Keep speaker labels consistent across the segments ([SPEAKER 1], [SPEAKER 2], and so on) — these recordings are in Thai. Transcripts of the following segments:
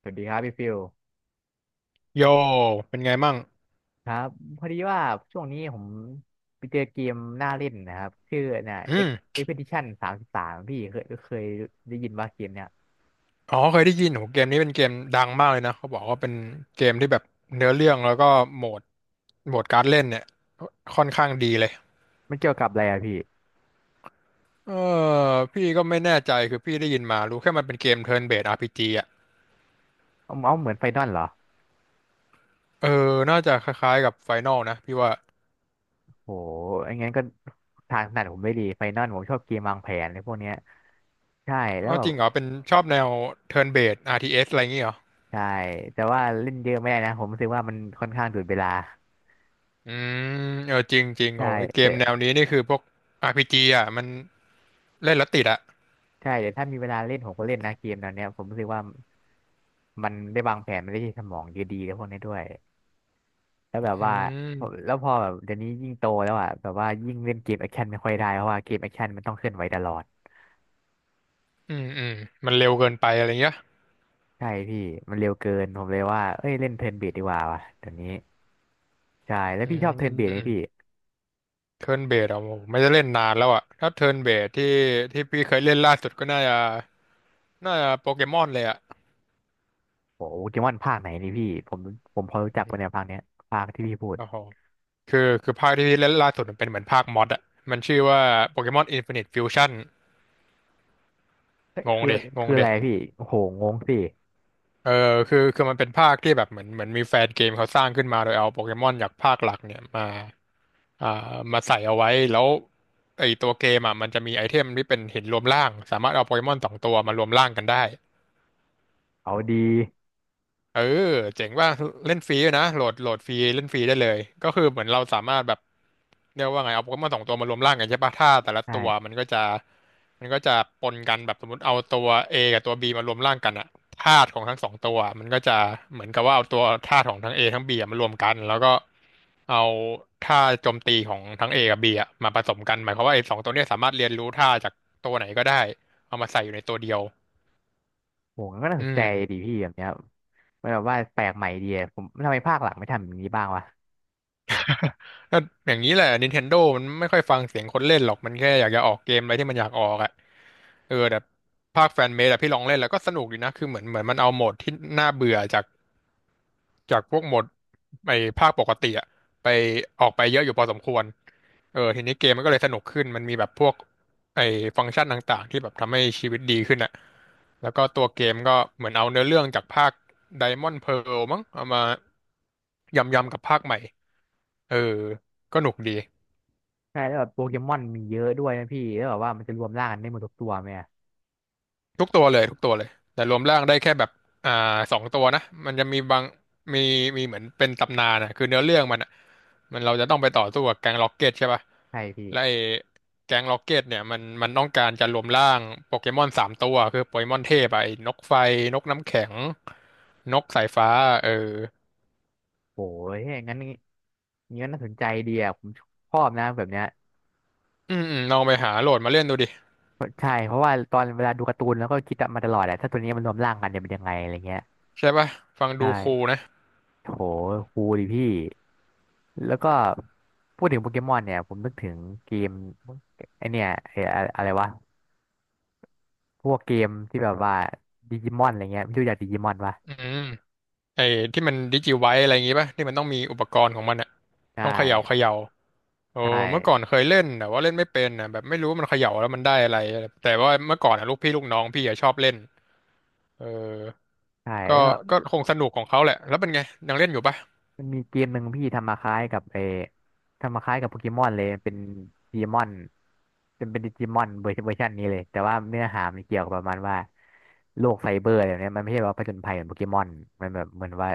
[SPEAKER 1] สวัสดีครับพี่ฟิล
[SPEAKER 2] โยเป็นไงมั่ง
[SPEAKER 1] ครับพอดีว่าช่วงนี้ผมไปเจอเกมน่าเล่นนะครับชื่อเนี่ย
[SPEAKER 2] อื
[SPEAKER 1] X
[SPEAKER 2] ม
[SPEAKER 1] Expedition 33พี่เคยได้ยินว่าเกมเนี่ย
[SPEAKER 2] อ๋อเคยได้ยินโหเกมนี้เป็นเกมดังมากเลยนะเขาบอกว่าเป็นเกมที่แบบเนื้อเรื่องแล้วก็โหมดโหมดการเล่นเนี่ยค่อนข้างดีเลย
[SPEAKER 1] มันเกี่ยวกับอะไรอะพี่
[SPEAKER 2] เออพี่ก็ไม่แน่ใจคือพี่ได้ยินมารู้แค่มันเป็นเกม Turn Based RPG อ่ะ
[SPEAKER 1] เอาเอาเหมือนไฟนอลเหรอ
[SPEAKER 2] เออน่าจะคล้ายๆกับ Final นะพี่ว่า
[SPEAKER 1] โหอย่างงั้นก็ทางถนัดผมไม่ดีไฟนอลผมชอบเกมวางแผนในพวกเนี้ยใช่แล้
[SPEAKER 2] อ๋
[SPEAKER 1] ว
[SPEAKER 2] อ
[SPEAKER 1] แบ
[SPEAKER 2] จ
[SPEAKER 1] บ
[SPEAKER 2] ริงเหรอเป็นชอบแนว Turn Based RTS อสอะไรอย่างงี้เหรอ
[SPEAKER 1] ใช่แต่ว่าเล่นเยอะไม่ได้นะผมรู้สึกว่ามันค่อนข้างดูดเวลา
[SPEAKER 2] อืเออจริงจริง
[SPEAKER 1] ใช่
[SPEAKER 2] โหไอ้เก
[SPEAKER 1] แต่
[SPEAKER 2] มแนวนี้นี่คือพวกอาร์พีจีอ่ะมันเล่นแล้วติดอ่ะ
[SPEAKER 1] ใช่แต่ถ้ามีเวลาเล่นผมก็เล่นนะเกมแนวเนี้ยผมรู้สึกว่ามันได้วางแผนมันได้ใช้สมองเยอะดีแล้วพวกนี้ด้วย แล้วแบบ
[SPEAKER 2] อื
[SPEAKER 1] ว่าพอ
[SPEAKER 2] ม
[SPEAKER 1] แล้วพอแบบเดี๋ยวนี้ยิ่งโตแล้วอ่ะแบบว่ายิ่งเล่นเกมแอคชั่นไม่ค่อยได้เพราะว่าเกมแอคชั่นมันต้องเคลื่อนไหวตลอด
[SPEAKER 2] อืมอืมมันเร็วเกินไปอะไรเงี้ย
[SPEAKER 1] ใช่พี่มันเร็วเกินผมเลยว่าเอ้ยเล่นเทิร์นเบสดีกว่าว่ะเดี๋ยวนี้ใช่แล้ว
[SPEAKER 2] อื
[SPEAKER 1] พี่ชอบเทิร์น
[SPEAKER 2] ม
[SPEAKER 1] เบสไหม
[SPEAKER 2] อืม
[SPEAKER 1] พี่
[SPEAKER 2] เทิร์นเบสอ่ะผมไม่ได้เล่นนานแล้วอ่ะถ้าเทิร์นเบสที่พี่เคยเล่นล่าสุดก็น่าจะโปเกมอนเลยอ่ะ
[SPEAKER 1] โอ้โหเกมอนภาคไหนนี่พี่ผมผมพอรู้จั
[SPEAKER 2] อื
[SPEAKER 1] กปะเนี่ย
[SPEAKER 2] ม
[SPEAKER 1] ภาคเนี้ยภาคที่พี่พูด
[SPEAKER 2] โอ้โหคือภาคที่พี่เล่นล่าสุดมันเป็นเหมือนภาคมอดอ่ะมันชื่อว่าโปเกมอนอินฟินิตฟิวชั่น
[SPEAKER 1] เอ้ย
[SPEAKER 2] งง
[SPEAKER 1] คือ
[SPEAKER 2] เดะงง
[SPEAKER 1] คืออะไร
[SPEAKER 2] เดะ
[SPEAKER 1] พี่โอ้โหงงสิ
[SPEAKER 2] เออคือมันเป็นภาคที่แบบเหมือนมีแฟนเกมเขาสร้างขึ้นมาโดยเอาโปเกมอนจากภาคหลักเนี่ยมา อ่ามาใส่เอาไว้แล้วไอตัวเกมอ่ะมันจะมีไอเทมที่เป็นหินรวมร่างสามารถเอาโปเกมอนสองตัวมารวมร่างกันได้
[SPEAKER 1] เอาดี
[SPEAKER 2] เออเจ๋งว่าเล่นฟรีด้วยนะโหลดฟรีเล่นฟรีได้เลยก็คือเหมือนเราสามารถแบบเรียกว่าไงเอาโปเกมอนสองตัวมารวมร่างกันใช่ปะถ้าแต่ละตัว
[SPEAKER 1] ใช่
[SPEAKER 2] มันก็จะปนกันแบบสมมติเอาตัว A กับตัว B มารวมร่างกันอะธาตุของทั้งสองตัวมันก็จะเหมือนกับว่าเอาตัวธาตุของทั้ง A ทั้ง B อะมารวมกันแล้วก็เอาท่าโจมตีของทั้ง A กับ B อะมาผสมกันหมายความว่าไอ้สองตัวเนี้ยสามารถเรียนรู้ท่าจากตัวไหนก็ได้เอามาใส่อยู่ในตัวเดียว
[SPEAKER 1] โอ้โหมันก็น่า
[SPEAKER 2] อื
[SPEAKER 1] สนใจ
[SPEAKER 2] ม
[SPEAKER 1] ดีพี่แบบเนี้ยมันแบบว่าแปลกใหม่ดีอะผมทำไมภาคหลังไม่ทำอย่างนี้บ้างวะ
[SPEAKER 2] ก็อย่างนี้แหละ Nintendo มันไม่ค่อยฟังเสียงคนเล่นหรอก มันแค่อยากจะออกเกมอะไรที่มันอยากออกอ่ะเออแต่ภาคแฟนเมดอะพี่ลองเล่นแล้วก็สนุกดีนะ คือเหมือนมันเอาโหมดที่น่าเบื่อจากพวกโหมดไอ้ภาคปกติอะไปออกไปเยอะอยู่พอสมควรเออทีนี้เกมมันก็เลยสนุกขึ้น มันมีแบบพวกไอ้ฟังก์ชันต่างๆที่แบบทำให้ชีวิตดีขึ้นอะแล้วก็ตัวเกมก็เหมือนเอาเนื้อเรื่องจากภาค Diamond Pearl มั้งเอามายำๆกับภาคใหม่เออก็หนุกดี
[SPEAKER 1] ใช่แล้วแบบโปเกมอนมีเยอะด้วยนะพี่แล้วแบบว่ามันจะรวมร่างกันได้หมดทุกตัวไหมอะ
[SPEAKER 2] ทุกตัวเลยแต่รวมร่างได้แค่แบบอ่าสองตัวนะมันจะมีบางมีมีเหมือนเป็นตำนานอ่ะคือเนื้อเรื่องมันอ่ะมันเราจะต้องไปต่อสู้กับแก๊งล็อกเก็ตใช่ป่ะ
[SPEAKER 1] ใช่พี่
[SPEAKER 2] และไอ้แก๊งล็อกเก็ตเนี่ยมันต้องการจะรวมร่างโปเกมอนสามตัวคือโปเกมอนเทพอะไอ้นกไฟนกน้ำแข็งนกสายฟ้าเออ
[SPEAKER 1] โอ้ยงั้นงี้งั้นน่าสนใจดีอะผมชอบนะแบบเนี้ย
[SPEAKER 2] อืมอืมลองไปหาโหลดมาเล่นดูดิ
[SPEAKER 1] ใช่เพราะว่าตอนเวลาดูการ์ตูนแล้วก็คิดมาตลอดแหละถ้าตัวนี้มันรวมร่างกันจะเป็นยังไงอะไรเงี้ย
[SPEAKER 2] ใช่ป่ะฟังดูคูล
[SPEAKER 1] ใช่
[SPEAKER 2] นะ
[SPEAKER 1] โหคูลดิพี่แล้วก็พูดถึงโปเกมอนเนี่ยผมนึกถึงเกมไอเนี่ยไอ้อะอะไรวะพวกเกมที่แบบว่าดิจิมอนอะไรเงี้ยไม่รู้จักดิจิมอนปะ
[SPEAKER 2] อืมไอ้ที่มันดิจิไวอะไรอย่างงี้ป่ะที่มันต้องมีอุปกรณ์ของมันอ่ะ
[SPEAKER 1] ใช่
[SPEAKER 2] ต้องเขย่าเข
[SPEAKER 1] ว
[SPEAKER 2] ย่า โอ้
[SPEAKER 1] ใช่
[SPEAKER 2] เมื่อก่อนเคยเล่นแต่ว่าเล่นไม่เป็นนะแบบไม่รู้มันเขย่าแล้วมันได้อะไรแต่ว่าเมื่อก่อนอะลูกพี่ลูกน้องพี่อะชอบเล่นเออ
[SPEAKER 1] ใช่
[SPEAKER 2] ก็
[SPEAKER 1] แล้ว
[SPEAKER 2] ก็คงสนุกของเขาแหละแล้วเป็นไงยังเล่นอยู่ปะ
[SPEAKER 1] มันมีเกมหนึ่งพี่ทำมาคล้ายกับทำมาคล้ายกับโปเกมอนเลยเป็นดีมอนจนเป็นดิจิมอนเวอร์ชันนี้เลยแต่ว่าเนื้อหามันเกี่ยวกับประมาณว่าโลกไซเบอร์อะไรแบบเนี้ยมันไม่ใช่ว่าผจญภัยเหมือนโปเกมอนมันแบบเหมือนว่า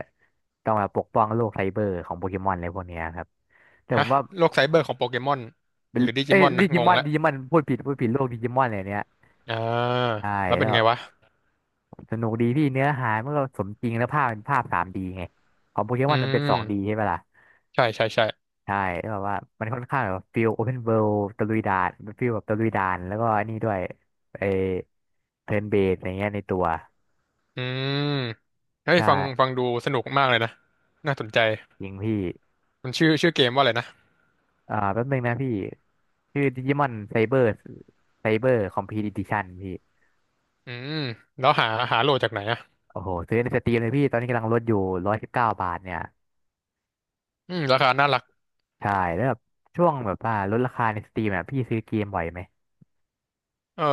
[SPEAKER 1] ต้องมาปกป้องโลกไซเบอร์ของโปเกมอนอะไรพวกเนี้ยครับแต่ผ
[SPEAKER 2] ฮะ
[SPEAKER 1] มว่า
[SPEAKER 2] โลกไซเบอร์ของโปเกมอน
[SPEAKER 1] เป็
[SPEAKER 2] ห
[SPEAKER 1] น
[SPEAKER 2] รือดิจิ
[SPEAKER 1] เอ้
[SPEAKER 2] ม
[SPEAKER 1] ย
[SPEAKER 2] อน
[SPEAKER 1] ดิ
[SPEAKER 2] นะง
[SPEAKER 1] จิม
[SPEAKER 2] ง
[SPEAKER 1] อน
[SPEAKER 2] ละ
[SPEAKER 1] ดิจิมอนพูดผิดพูดผิดโลกดิจิมอนอะไรเนี้ย
[SPEAKER 2] อ่า
[SPEAKER 1] ใช่
[SPEAKER 2] แล้วเป็
[SPEAKER 1] แล้
[SPEAKER 2] น
[SPEAKER 1] ว
[SPEAKER 2] ไงวะ
[SPEAKER 1] สนุกดีพี่เนื้อหามันก็สมจริงแล้วภาพเป็นภาพ 3D ไงของโปเกม
[SPEAKER 2] อื
[SPEAKER 1] อนมันเป็น 2D
[SPEAKER 2] ม
[SPEAKER 1] ใช่ไหมล่ะ
[SPEAKER 2] ใช่ใช่ใช่
[SPEAKER 1] ใช่แล้วแบบว่ามันค่อนข้างแบบฟิลโอเพนเวิลด์ตะลุยด่านฟิลแบบตะลุยด่านแล้วก็อันนี้ด้วยไอเทิร์นเบสอะไรเงี้ยในตัว
[SPEAKER 2] อืมเฮ้
[SPEAKER 1] ใ
[SPEAKER 2] ยฟังฟั
[SPEAKER 1] ช่
[SPEAKER 2] งดูสนุกมากเลยนะน่าสนใจ
[SPEAKER 1] จริงพี่
[SPEAKER 2] มันชื่อเกมว่าอะไรนะ
[SPEAKER 1] แป๊บนึงนะพี่ชื่อดิจิมอนไซเบอร์ไซเบอร์คอมพีดิชั่นพี่
[SPEAKER 2] อืมแล้วหาโหลดจากไหนอะ
[SPEAKER 1] โอ้โหซื้อในสตรีมเลยพี่ตอนนี้กำลังลดอยู่119บาทเนี่ย
[SPEAKER 2] อืมราคาน่ารัก
[SPEAKER 1] ใช่แล้วแบบช่วงแบบว่าลดราคาในสตรีมอ่ะพี่ซื้อเกมบ่อยไหม
[SPEAKER 2] เออ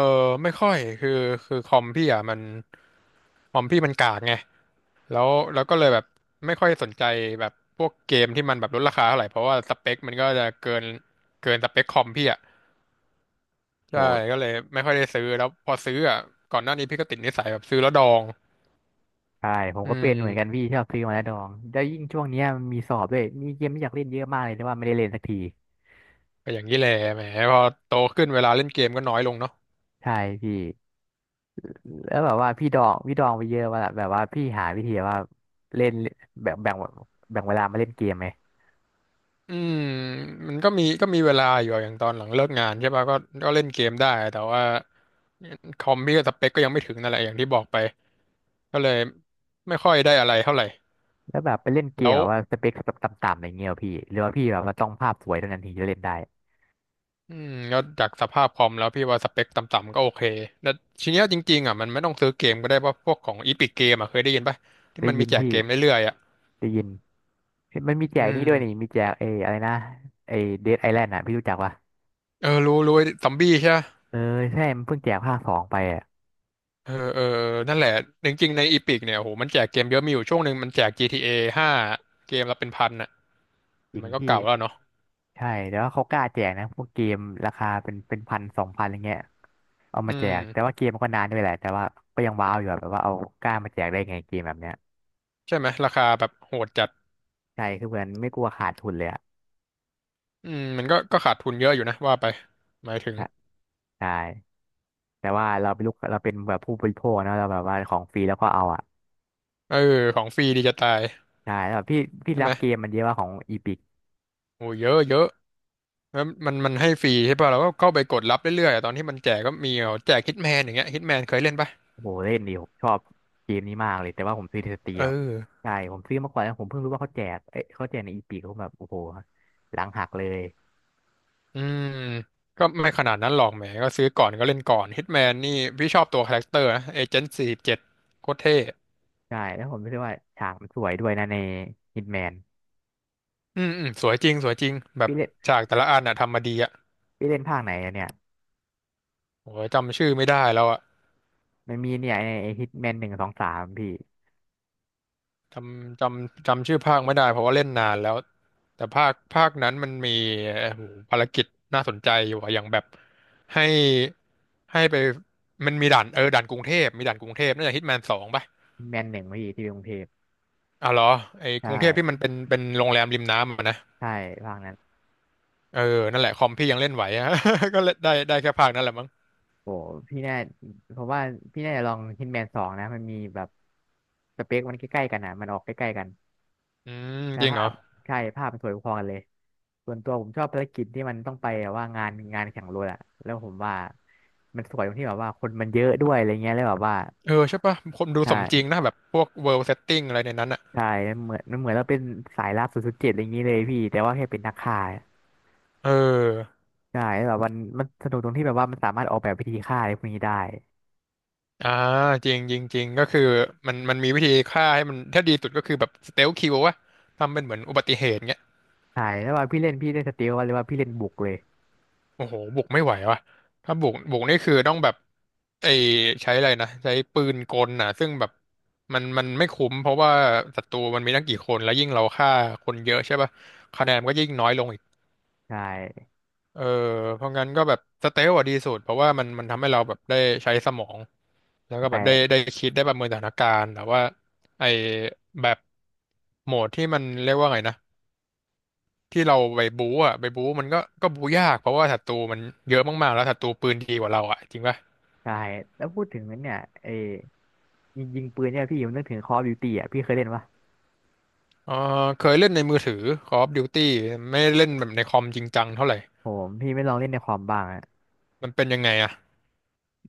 [SPEAKER 2] ไม่ค่อยคือคอมพี่อ่ะมัน คอมพี่มันกากไงแล้วแล้วก็เลยแบบไม่ค่อยสนใจแบบพวกเกมที่มันแบบลดราคาเท่าไหร่เพราะว่าสเปคมันก็จะเกินสเปคคอมพี่อ่ะใช่
[SPEAKER 1] โห
[SPEAKER 2] ก็เลยไม่ค่อยได้ซื้อ แล้วพอซื้ออ่ะก่อนหน้านี้พี่ก็ติดนิสัยแบบซื้อแล้วดอง
[SPEAKER 1] ใช่ผม
[SPEAKER 2] อื
[SPEAKER 1] ก็เป็นเหมือนกัน
[SPEAKER 2] ม
[SPEAKER 1] พี่ชอบซื้อมาแล้วดองแล้วยิ่งช่วงเนี้ยมันมีสอบด้วยมีเกมที่อยากเล่นเยอะมากเลยแต่ว่าไม่ได้เล่นสักที
[SPEAKER 2] ก็อย่างนี้แหละแหมพอโตขึ้นเวลาเล่นเกมก็น้อยลงเนาะ
[SPEAKER 1] ใช่พี่แล้วแบบว่าพี่ดองพี่ดองไปเยอะว่าล่ะแบบว่าพี่หาวิธีว่าเล่นแบบแบ่งเวลามาเล่นเกมไหม
[SPEAKER 2] อืมมันก็มีก็มีเวลาอยู่อะอย่างตอนหลังเลิกงานใช่ป่ะก็ก็เล่นเกมได้แต่ว่าคอมพี่ก็สเปคก็ยังไม่ถึงนั่นแหละอย่างที่บอกไปก็เลยไม่ค่อยได้อะไรเท่าไหร่
[SPEAKER 1] แล้วแบบไปเล่นเก
[SPEAKER 2] แล้
[SPEAKER 1] ม
[SPEAKER 2] ว
[SPEAKER 1] แบบว่าสเปคต่ำๆอะไรเงี้ยเหรอพี่หรือว่าพี่แบบว่าต้องภาพสวยเท่านั้นถึงจะเล่นได้
[SPEAKER 2] อืมแล้วจากสภาพคอมแล้วพี่ว่าสเปคต่ำๆก็โอเคแล้วทีเนี้ยจริงๆอ่ะมันไม่ต้องซื้อเกมก็ได้ว่าพวกของอีพิกเกมอ่ะเคยได้ยินป่ะที่
[SPEAKER 1] ได้
[SPEAKER 2] มันมี
[SPEAKER 1] ยิน
[SPEAKER 2] แจก
[SPEAKER 1] พี่
[SPEAKER 2] เกมเรื่อยๆอ่ะ
[SPEAKER 1] ได้ยินมันมีแจ
[SPEAKER 2] อื
[SPEAKER 1] กนี่ด้
[SPEAKER 2] ม
[SPEAKER 1] วยนี่มีแจกเอออะไรนะไอเดดไอแลนด์อ่ะพี่รู้จักปะ
[SPEAKER 2] เออรู้รู้ไอ้ซอมบี้ใช่ปะ
[SPEAKER 1] เออใช่มันเพิ่งแจกภาคสองไปอ่ะ
[SPEAKER 2] เออเออเออนั่นแหละจริงๆในอีพิกเนี่ยโอ้โหมันแจกเกมเยอะมีอยู่ช่วงหนึ่งมันแจก GTA 5เกมละเป็นพันอ่ะ
[SPEAKER 1] จ
[SPEAKER 2] แต่
[SPEAKER 1] ริง
[SPEAKER 2] มันก็
[SPEAKER 1] พี่
[SPEAKER 2] เก่าแล้วเนาะ
[SPEAKER 1] ใช่แต่ว่าเขากล้าแจกนะพวกเกมราคาเป็นพัน2,000อะไรเงี้ยเอา
[SPEAKER 2] อื
[SPEAKER 1] มาแจกแต่
[SPEAKER 2] ม
[SPEAKER 1] ว่าเกมมันก็นานด้วยแหละแต่ว่าก็ยังว้าวอยู่อะแบบว่าเอากล้ามาแจกได้ไงเกมแบบเนี้ย
[SPEAKER 2] ใช่ไหมราคาแบบโหดจัด
[SPEAKER 1] ใช่คือเหมือนไม่กลัวขาดทุนเลยอะ
[SPEAKER 2] อืมมันก็ขาดทุนเยอะอยู่นะว่าไปหมายถึง
[SPEAKER 1] ใช่ใช่แต่ว่าเราเป็นลูกเราเป็นแบบผู้บริโภคนะเราแบบว่าของฟรีแล้วก็เอาอะ
[SPEAKER 2] เออของฟรีดีจะตาย
[SPEAKER 1] ใช่แล้วแบบพี่พี่
[SPEAKER 2] ใช่ไห
[SPEAKER 1] รั
[SPEAKER 2] ม
[SPEAKER 1] บเกมมันเยอะว่าของอีพิก
[SPEAKER 2] โอ้เยอะเยอะ แล้วมันให้ฟรีใช่ป่ะเราก็เข้าไปกดรับเรื่อยๆอะตอนที่มันแจกก็มีเอาแจกฮิตแมนอย่างเงี้ยฮิตแมนเคยเล่นป่ะ
[SPEAKER 1] โอ้โหเล่นดีผมชอบเกมนี้มากเลยแต่ว่าผมซื้อในสตรีม
[SPEAKER 2] เอ
[SPEAKER 1] ครับ
[SPEAKER 2] อ
[SPEAKER 1] ใช่ผมซื้อมาก่อนแล้วผมเพิ่งรู้ว่าเขาแจกเอ้ยเขาแจกในอีพิกผมแบบโอ้โหหลังหักเลย
[SPEAKER 2] อืมก็ไม่ขนาดนั้นหรอกแหมก็ซื้อก่อนก็เล่นก่อนฮิตแมนนี่พี่ชอบตัวคาแรคเตอร์นะเอเจนต์47โคตรเท่
[SPEAKER 1] ใช่แล้วผมรู้สึกว่าฉากมันสวยด้วยนะในฮิตแมน
[SPEAKER 2] อืมอืมสวยจริงสวยจริงแบบ
[SPEAKER 1] พี่เล่น
[SPEAKER 2] ฉากแต่ละอันน่ะทำมาดีอ่ะ
[SPEAKER 1] พี่เล่นภาคไหนอะเนี่ย
[SPEAKER 2] โอ้ยจำชื่อไม่ได้แล้วอ่ะ
[SPEAKER 1] มันมีเนี่ยไอ้ฮิตแมนหนึ่งสองสามพี่
[SPEAKER 2] จำชื่อภาคไม่ได้เพราะว่าเล่นนานแล้วแต่ภาคนั้นมันมีเอ่อภารกิจน่าสนใจอยู่อะอย่างแบบให้ให้ไปมันมีด่านเออด่านกรุงเทพมีด่านกรุงเทพน่าจะฮิตแมน2ป่ะ
[SPEAKER 1] ฮิตแมนหนึ่งพี่ที่กรุงเทพ
[SPEAKER 2] อ๋อเหรอไอ้ก
[SPEAKER 1] ใช่
[SPEAKER 2] รุงเทพที่มันเป็นโรงแรมริมน้ำอะนะ
[SPEAKER 1] ใช่ภาคนั้น
[SPEAKER 2] เออนั่นแหละคอมพี่ยังเล่นไหวอะ ก็เล่นได้ได้แค่ภาคนั้นแหละมั้ง
[SPEAKER 1] โอ้พี่น่าผมว่าพี่น่าจะลองฮิตแมนสองนะมันมีแบบสเปคมันใกล้ๆกันอ่ะมันออกใกล้ๆกัน
[SPEAKER 2] อืม
[SPEAKER 1] แล้ว
[SPEAKER 2] จริงเหร
[SPEAKER 1] ภา
[SPEAKER 2] อ
[SPEAKER 1] พใช่ภาพมันสวยพอกันเลยส่วนตัวผมชอบภารกิจที่มันต้องไปแบบว่างานแข่งรถอะแล้วผมว่ามันสวยตรงที่แบบว่าคนมันเยอะด้วยอะไรเงี้ยแล้วแบบว่า
[SPEAKER 2] เออใช่ป่ะคนดูสมจริง
[SPEAKER 1] ใช่
[SPEAKER 2] นะแบบพวกเวิลด์เซตติ้งอะไรในนั้นอะ
[SPEAKER 1] ใช่เหมือนมันเหมือนเราเป็นสายลับ007อะไรอย่างนี้เลยพี่แต่ว่าแค่เป็นนักฆ่า
[SPEAKER 2] เออ
[SPEAKER 1] ใช่แล้วแบบมันสนุกตรงที่แบบว่ามันสามารถออกแบบวิธีฆ่าอะไรพวกนี้ได้
[SPEAKER 2] อ่าจริงจริงจริงก็คือมันมีวิธีฆ่าให้มันถ้าดีสุดก็คือแบบสเตลคิลวะทำเป็นเหมือนอุบัติเหตุเงี้ย
[SPEAKER 1] ใช่แล้วว่าพี่เล่นสเตลว่าหรือว่าพี่เล่นบุกเลย
[SPEAKER 2] โอ้โหบุกไม่ไหววะถ้าบุกนี่คือต้องแบบไอใช้อะไรนะใช้ปืนกลน่ะซึ่งแบบมันไม่คุ้มเพราะว่าศัตรูมันมีตั้งกี่คนแล้วยิ่งเราฆ่าคนเยอะใช่ป่ะคะแนนมันก็ยิ่งน้อยลงอีก
[SPEAKER 1] ใช่
[SPEAKER 2] เออเพราะงั้นก็แบบสเตลอะดีสุดเพราะว่ามันทำให้เราแบบได้ใช้สมองแล้วก็แบ
[SPEAKER 1] ใช่
[SPEAKER 2] บได้คิดได้ประเมินสถานการณ์แต่ว่าไอ้แบบ โหมดที่มันเรียกว่าไงนะที่เราไปบู๊อ่ะไปบู๊มันก็บู๊ยากเพราะว่าศัตรูมันเยอะมากๆแล้วศัตรูปืนดีกว่าเราอ่ะจริงป่ะ
[SPEAKER 1] ใช่แล้วพูดถึงเนี่ยไอ้ยิงปืนเนี่ยพี่ผมนึกถึง Call of Duty อ่ะพี่เคยเล่นปะ
[SPEAKER 2] เออเคยเล่นในมือถือ Call of Duty ไม่ได้เล่นแบบในคอมจริงจังเท่าไหร่
[SPEAKER 1] ผมพี่ไม่ลองเล่นในคอมบ้างอะ
[SPEAKER 2] มันเป็นยังไงอ่ะ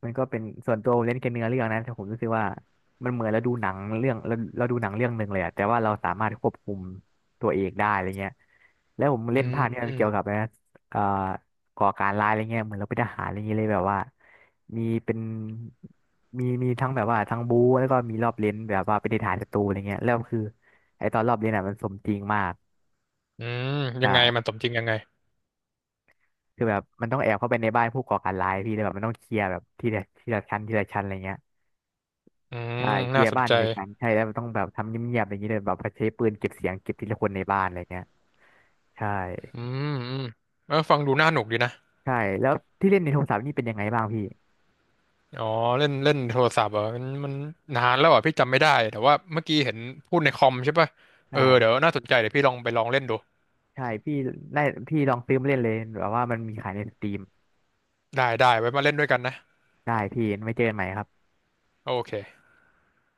[SPEAKER 1] มันก็เป็นส่วนตัวผมเล่นแค่เนื้อเรื่องนะแต่ผมรู้สึกว่ามันเหมือนเราดูหนังเรื่องเราเราดูหนังเรื่องหนึ่งเลยอะแต่ว่าเราสามารถควบคุมตัวเองได้อะไรเงี้ยแล้วผม
[SPEAKER 2] อื
[SPEAKER 1] เล่นภาคเนี้ยมันเกี่ยวกับ
[SPEAKER 2] ม
[SPEAKER 1] นะเอ่อก่อการร้ายอะไรเงี้ยเหมือนเราเป็นทหารอะไรเงี้ยเลยแบบว่ามีเป็นมีทั้งแบบว่าทั้งบู๊แล้วก็มีรอบเล่นแบบว่าเป็นทหารศัตรูอะไรเงี้ยแล้วคือไอตอนรอบเล่นอะมันสมจริงมาก
[SPEAKER 2] อืมยังไงมัน
[SPEAKER 1] ใช่
[SPEAKER 2] สมจริงยังไง
[SPEAKER 1] คือแบบมันต้องแอบเข้าไปในบ้านผู้ก่อการร้ายพี่เลยแบบมันต้องเคลียร์แบบทีละชั้นอะไรเงี้ย
[SPEAKER 2] อืม
[SPEAKER 1] ใช่เคลี
[SPEAKER 2] น่า
[SPEAKER 1] ยร์
[SPEAKER 2] สน
[SPEAKER 1] บ้าน
[SPEAKER 2] ใจ
[SPEAKER 1] ในเซสชันใช่แล้วมันต้องแบบทำเงียบๆอย่างนี้เลยแบบใช้ปืนเก็บเสียงเก็บทีละคนในบ้านอะไรเงี้ยใช่
[SPEAKER 2] อืมอืมเออฟังดูน่าหนุกดีนะ
[SPEAKER 1] ใช่แล้วที่เล่นในโทรศัพท์นี่เป็นยังไงบ้างพี่
[SPEAKER 2] อ๋อเล่นเล่นโทรศัพท์เหรอ่ะมันมันนานแล้วอ่ะพี่จำไม่ได้แต่ว่าเมื่อกี้เห็นพูดในคอมใช่ป่ะเออเดี๋ยว
[SPEAKER 1] ใช่
[SPEAKER 2] น่าสนใจเดี๋ยวพี่ลองไปลองเล่นดู
[SPEAKER 1] ใช่พี่ได้พี่ลองซื้อมาเล่นเลยแบบว่ามันมีขายในสตรีม
[SPEAKER 2] ได้ไว้มาเล่นด้วยกันนะ
[SPEAKER 1] ได้พี่ไว้เจอกันใหม่ครับ
[SPEAKER 2] โอเค